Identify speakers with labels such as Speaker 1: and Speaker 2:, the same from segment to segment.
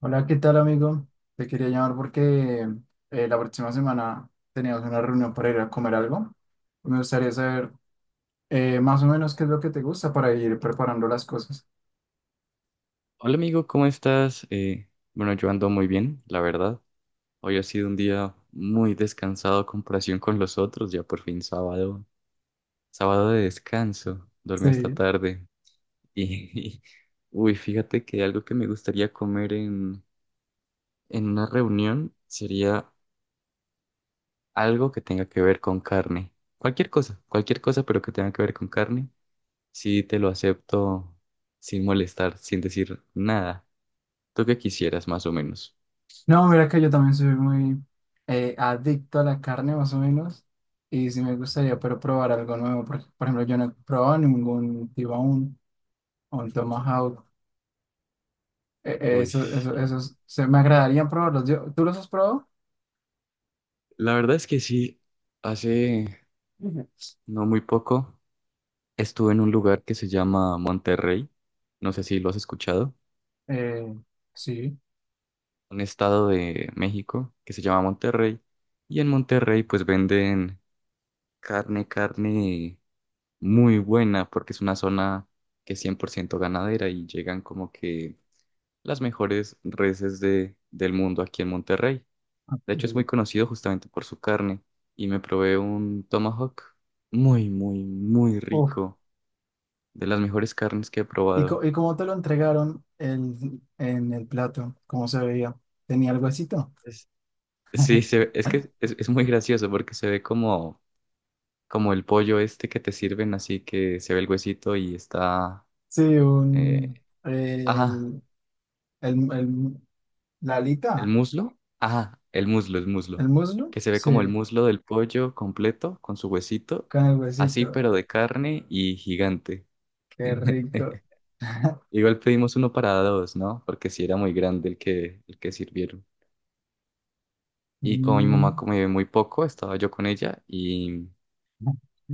Speaker 1: Hola, ¿qué tal, amigo? Te quería llamar porque la próxima semana teníamos una reunión para ir a comer algo. Me gustaría saber más o menos qué es lo que te gusta para ir preparando las cosas.
Speaker 2: Hola amigo, ¿cómo estás? Bueno, yo ando muy bien, la verdad. Hoy ha sido un día muy descansado a comparación con los otros, ya por fin sábado, sábado de descanso. Dormí hasta
Speaker 1: Sí.
Speaker 2: tarde y, uy, fíjate que algo que me gustaría comer en una reunión sería algo que tenga que ver con carne. Cualquier cosa, pero que tenga que ver con carne. Sí, te lo acepto sin molestar, sin decir nada. ¿Tú qué quisieras, más o menos?
Speaker 1: No, mira que yo también soy muy adicto a la carne, más o menos. Y sí me gustaría, pero probar algo nuevo. Porque, por ejemplo, yo no he probado ningún tibaún o un tomahawk.
Speaker 2: Uy.
Speaker 1: Esos se me agradaría probarlos. ¿Tú los has probado?
Speaker 2: La verdad es que sí, hace, ujú, no muy poco estuve en un lugar que se llama Monterrey, no sé si lo has escuchado,
Speaker 1: Eh, sí.
Speaker 2: un estado de México que se llama Monterrey, y en Monterrey pues venden carne, carne muy buena porque es una zona que es 100% ganadera y llegan como que las mejores reses del mundo aquí en Monterrey. De hecho, es muy conocido justamente por su carne. Y me probé un tomahawk muy, muy, muy
Speaker 1: Ok.
Speaker 2: rico. De las mejores carnes que he probado.
Speaker 1: ¿Y cómo te lo entregaron en el plato? ¿Cómo se veía? ¿Tenía algo así, no?
Speaker 2: Es- sí, es que es muy gracioso porque se ve como el pollo este que te sirven, así que se ve el huesito y está,
Speaker 1: Sí,
Speaker 2: eh,
Speaker 1: un,
Speaker 2: ajá,
Speaker 1: el- la
Speaker 2: el
Speaker 1: alita,
Speaker 2: muslo. Ajá, el muslo, el
Speaker 1: el
Speaker 2: muslo.
Speaker 1: muslo,
Speaker 2: Que se ve como el
Speaker 1: sí,
Speaker 2: muslo del pollo completo con su huesito.
Speaker 1: con el
Speaker 2: Así,
Speaker 1: huesito.
Speaker 2: pero de carne y gigante.
Speaker 1: Qué rico.
Speaker 2: Igual pedimos uno para dos, ¿no? Porque sí era muy grande el que sirvieron. Y como mi mamá
Speaker 1: Mm.
Speaker 2: come muy poco, estaba yo con ella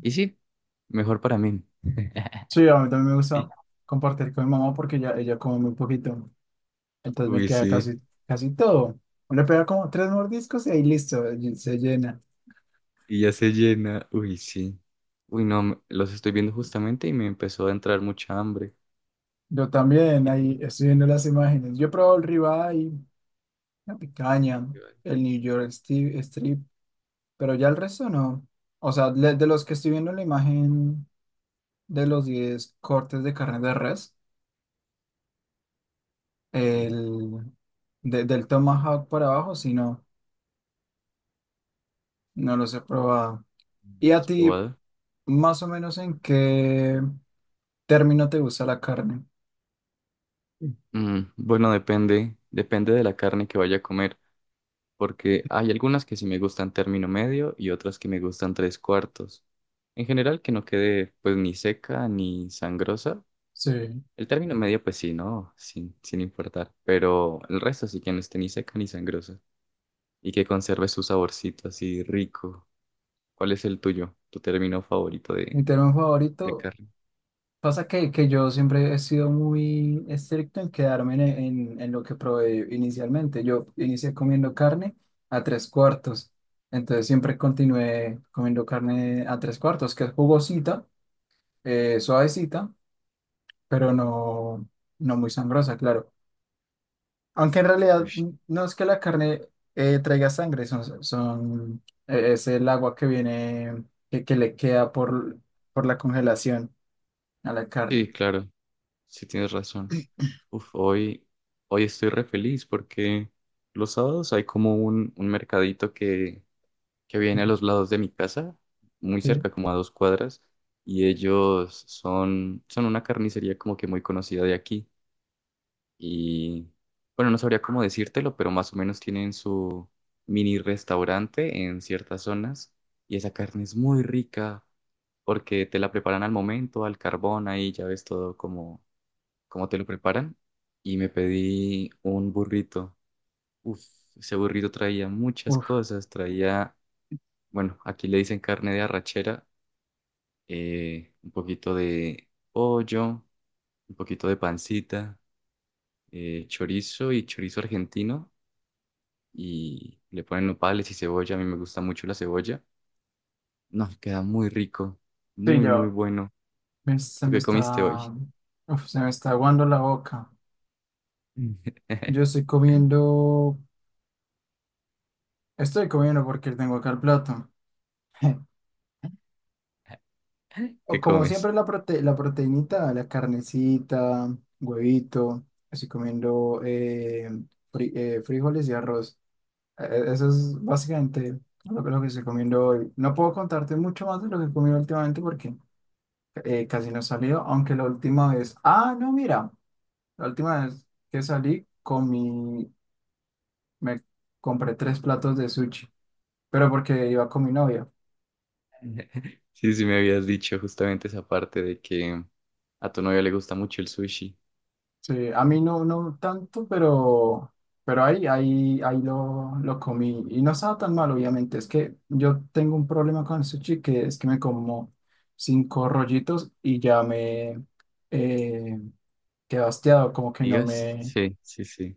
Speaker 2: y sí, mejor para mí.
Speaker 1: Sí, a mí también me gusta compartir con mi mamá porque ella come muy poquito. Entonces me
Speaker 2: Uy,
Speaker 1: queda
Speaker 2: sí.
Speaker 1: casi todo. Uno le pega como tres mordiscos y ahí listo, y se llena.
Speaker 2: Y ya se llena. Uy, sí. Uy, no, los estoy viendo justamente y me empezó a entrar mucha hambre.
Speaker 1: Yo también
Speaker 2: Y
Speaker 1: ahí
Speaker 2: tengo
Speaker 1: estoy viendo las imágenes. Yo he probado el ribeye, la picaña,
Speaker 2: que-
Speaker 1: el New York Strip, pero ya el resto no. O sea, de los que estoy viendo la imagen de los 10 cortes de carne de res,
Speaker 2: sí.
Speaker 1: el del Tomahawk para abajo, si no, no los he probado. ¿Y a
Speaker 2: ¿Has
Speaker 1: ti,
Speaker 2: probado?
Speaker 1: más o menos en qué término te gusta la carne?
Speaker 2: Sí. Mm, bueno, depende, depende de la carne que vaya a comer, porque hay algunas que sí me gustan término medio y otras que me gustan tres cuartos. En general, que no quede pues ni seca ni sangrosa.
Speaker 1: Sí.
Speaker 2: El término medio, pues sí, ¿no? Sin importar. Pero el resto sí que no esté ni seca ni sangrosa. Y que conserve su saborcito así rico. ¿Cuál es el tuyo? ¿Tu término favorito
Speaker 1: Mi término
Speaker 2: de
Speaker 1: favorito
Speaker 2: carne?
Speaker 1: pasa que, yo siempre he sido muy estricto en quedarme en, en lo que probé inicialmente. Yo inicié comiendo carne a tres cuartos, entonces siempre continué comiendo carne a tres cuartos, que es jugosita, suavecita, pero no, no muy sangrosa, claro. Aunque en realidad
Speaker 2: Ush.
Speaker 1: no es que la carne traiga sangre, es el agua que viene, que le queda por la congelación a la carne.
Speaker 2: Sí, claro. Sí tienes razón. Uf, hoy estoy re feliz porque los sábados hay como un mercadito que viene a
Speaker 1: Ujú.
Speaker 2: los lados de mi casa, muy
Speaker 1: Sí.
Speaker 2: cerca, como a 2 cuadras, y ellos son una carnicería como que muy conocida de aquí. Y bueno, no sabría cómo decírtelo, pero más o menos tienen su mini restaurante en ciertas zonas, y esa carne es muy rica porque te la preparan al momento, al carbón, ahí ya ves todo como te lo preparan. Y me pedí un burrito. Uf, ese burrito traía muchas
Speaker 1: Uf,
Speaker 2: cosas, traía, bueno, aquí le dicen carne de arrachera, un poquito de pollo, un poquito de pancita, chorizo y chorizo argentino y le ponen nopales y cebolla. A mí me gusta mucho la cebolla. No, queda muy rico,
Speaker 1: sí,
Speaker 2: muy, muy
Speaker 1: yo.
Speaker 2: bueno.
Speaker 1: Me- se
Speaker 2: ¿Tú
Speaker 1: me
Speaker 2: qué comiste hoy?
Speaker 1: está, se me está aguando la boca.
Speaker 2: Mm.
Speaker 1: Yo estoy comiendo, estoy comiendo porque tengo acá el plato. O
Speaker 2: ¿Qué
Speaker 1: como
Speaker 2: comes?
Speaker 1: siempre la proteínita, la carnecita, huevito. Estoy comiendo frijoles y arroz. Eso es básicamente lo que estoy comiendo hoy. No puedo contarte mucho más de lo que he comido últimamente porque casi no he salido, aunque la última vez, ah, no, mira, la última vez que salí comí me compré 3 platos de sushi, pero porque iba con mi novia.
Speaker 2: Sí, sí me habías dicho justamente esa parte de que a tu novia le gusta mucho el sushi.
Speaker 1: Sí, a mí no, no tanto, pero, ahí lo comí y no estaba tan mal, obviamente. Es que yo tengo un problema con el sushi que es que me como 5 rollitos y ya me eh, quedo hastiado, como que no
Speaker 2: ¿Digas?
Speaker 1: me,
Speaker 2: Sí, sí, sí.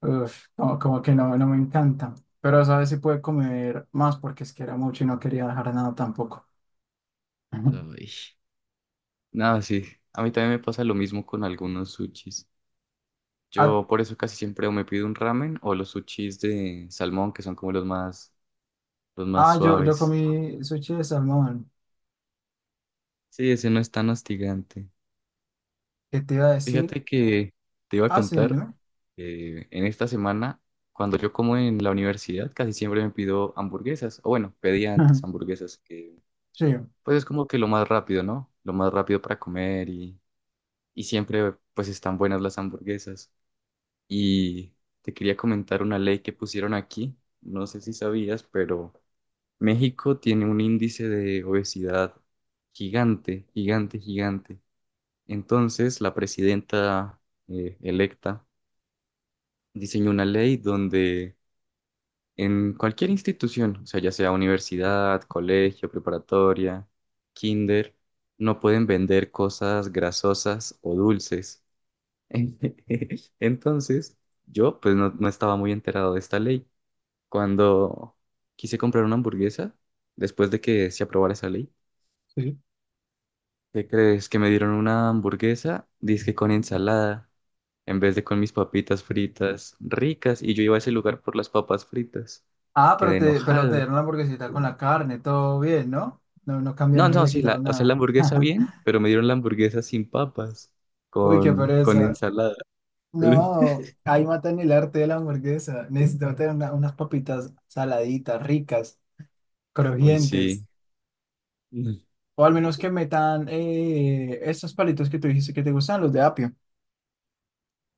Speaker 1: uf, como que no, no me encanta. Pero sabes si puede comer más porque es que era mucho y no quería dejar nada tampoco.
Speaker 2: Ay. Nada, sí. A mí también me pasa lo mismo con algunos sushis.
Speaker 1: ¿A
Speaker 2: Yo por eso casi siempre o me pido un ramen o los sushis de salmón, que son como los más
Speaker 1: ah, yo
Speaker 2: suaves.
Speaker 1: comí sushi de salmón.
Speaker 2: Sí, ese no es tan hostigante.
Speaker 1: ¿Qué te iba a decir?
Speaker 2: Fíjate que te iba a
Speaker 1: Ah, sí,
Speaker 2: contar
Speaker 1: dime.
Speaker 2: que en esta semana, cuando yo como en la universidad, casi siempre me pido hamburguesas. O bueno, pedía antes hamburguesas, que
Speaker 1: Sí.
Speaker 2: pues es como que lo más rápido, ¿no? Lo más rápido para comer y siempre pues están buenas las hamburguesas. Y te quería comentar una ley que pusieron aquí. No sé si sabías, pero México tiene un índice de obesidad gigante, gigante, gigante. Entonces, la presidenta electa diseñó una ley donde en cualquier institución, o sea, ya sea universidad, colegio, preparatoria, kinder, no pueden vender cosas grasosas o dulces. Entonces, yo pues no estaba muy enterado de esta ley. Cuando quise comprar una hamburguesa, después de que se aprobara esa ley,
Speaker 1: Sí.
Speaker 2: ¿qué crees? Que me dieron una hamburguesa, dizque con ensalada, en vez de con mis papitas fritas ricas, y yo iba a ese lugar por las papas fritas.
Speaker 1: Ah, pero
Speaker 2: Quedé
Speaker 1: pero te
Speaker 2: enojado.
Speaker 1: dieron la hamburguesita con la carne, todo bien, ¿no? No, no
Speaker 2: No,
Speaker 1: cambiaron, no
Speaker 2: no,
Speaker 1: le
Speaker 2: sí, la,
Speaker 1: quitaron
Speaker 2: o sea, la
Speaker 1: nada.
Speaker 2: hamburguesa bien, pero me dieron la hamburguesa sin papas,
Speaker 1: Uy, qué
Speaker 2: con
Speaker 1: pereza.
Speaker 2: ensalada.
Speaker 1: No, ahí matan el arte de la hamburguesa. Necesito tener unas papitas saladitas, ricas,
Speaker 2: Uy,
Speaker 1: crujientes.
Speaker 2: sí. Mm.
Speaker 1: O al menos que metan esos palitos que tú dijiste que te gustan, los de apio.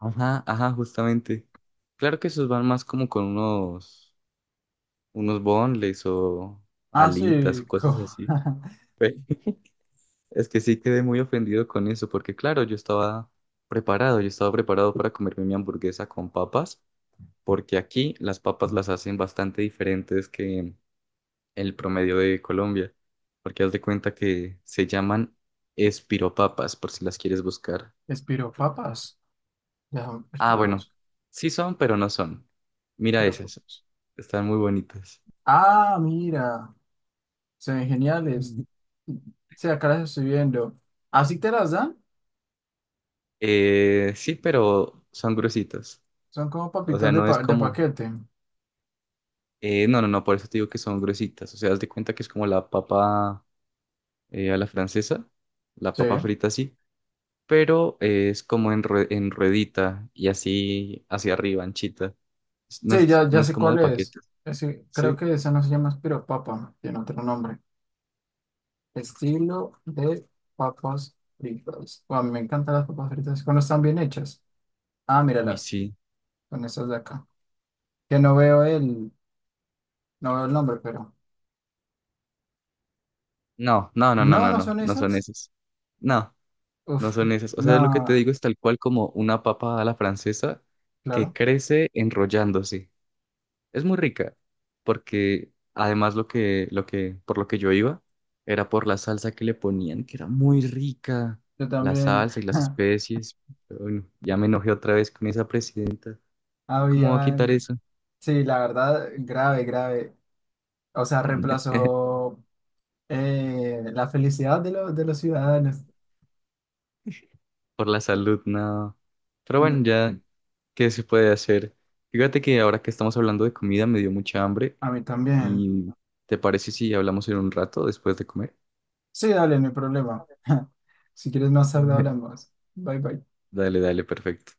Speaker 2: Ajá, ajá, justamente. Claro que esos van más como con unos boneless o
Speaker 1: Ah,
Speaker 2: alitas
Speaker 1: sí,
Speaker 2: o cosas
Speaker 1: como...
Speaker 2: así. Ve, es que sí quedé muy ofendido con eso, porque claro, yo estaba preparado para comerme mi hamburguesa con papas, porque aquí las papas las hacen bastante diferentes que el promedio de Colombia, porque haz de cuenta que se llaman espiropapas, por si las quieres buscar.
Speaker 1: Espiro papas.
Speaker 2: Ah, bueno, sí son, pero no son. Mira
Speaker 1: Pero,
Speaker 2: esas,
Speaker 1: pues,
Speaker 2: están muy bonitas.
Speaker 1: ah, mira, se ven geniales. Sí, acá las estoy viendo. ¿Así te las dan?
Speaker 2: Sí, pero son gruesitas.
Speaker 1: Son como
Speaker 2: O
Speaker 1: papitas
Speaker 2: sea,
Speaker 1: de,
Speaker 2: no es
Speaker 1: de
Speaker 2: como,
Speaker 1: paquete.
Speaker 2: no, no, no, por eso te digo que son gruesitas. O sea, haz de cuenta que es como la papa, a la francesa, la
Speaker 1: Sí,
Speaker 2: papa frita así, pero es como en ruedita y así hacia arriba, anchita. No
Speaker 1: sí,
Speaker 2: es,
Speaker 1: ya,
Speaker 2: no
Speaker 1: ya
Speaker 2: es
Speaker 1: sé
Speaker 2: como
Speaker 1: cuál
Speaker 2: de
Speaker 1: es.
Speaker 2: paquetes,
Speaker 1: Ese- creo
Speaker 2: ¿sí?
Speaker 1: que esa no se llama espiropapa, tiene otro nombre. Estilo de papas fritas. Guau, me encantan las papas fritas cuando están bien hechas. Ah,
Speaker 2: Uy,
Speaker 1: míralas,
Speaker 2: sí.
Speaker 1: son esas de acá. Que no veo el, no veo el nombre, pero.
Speaker 2: No, no, no, no,
Speaker 1: No,
Speaker 2: no,
Speaker 1: no
Speaker 2: no,
Speaker 1: son
Speaker 2: no son
Speaker 1: esas.
Speaker 2: esas. No, no
Speaker 1: Uf,
Speaker 2: son esas. O
Speaker 1: no,
Speaker 2: sea, lo que te digo es tal cual como una papa a la francesa que
Speaker 1: claro.
Speaker 2: crece enrollándose. Es muy rica, porque además por lo que yo iba, era por la salsa que le ponían, que era muy rica,
Speaker 1: Yo
Speaker 2: la
Speaker 1: también.
Speaker 2: salsa y las especies. Pero bueno, ya me enojé otra vez con esa presidenta. ¿Cómo va a quitar
Speaker 1: Habían,
Speaker 2: eso?
Speaker 1: sí, la verdad, grave, grave. O sea, reemplazó la felicidad de los ciudadanos.
Speaker 2: Por la salud, no. Pero bueno,
Speaker 1: No,
Speaker 2: ya, ¿qué se puede hacer? Fíjate que ahora que estamos hablando de comida me dio mucha hambre
Speaker 1: a mí también.
Speaker 2: y ¿te parece si hablamos en un rato después de comer?
Speaker 1: Sí, dale, no hay problema. Si quieres más tarde hablamos. Bye, bye.
Speaker 2: Dale, dale, perfecto.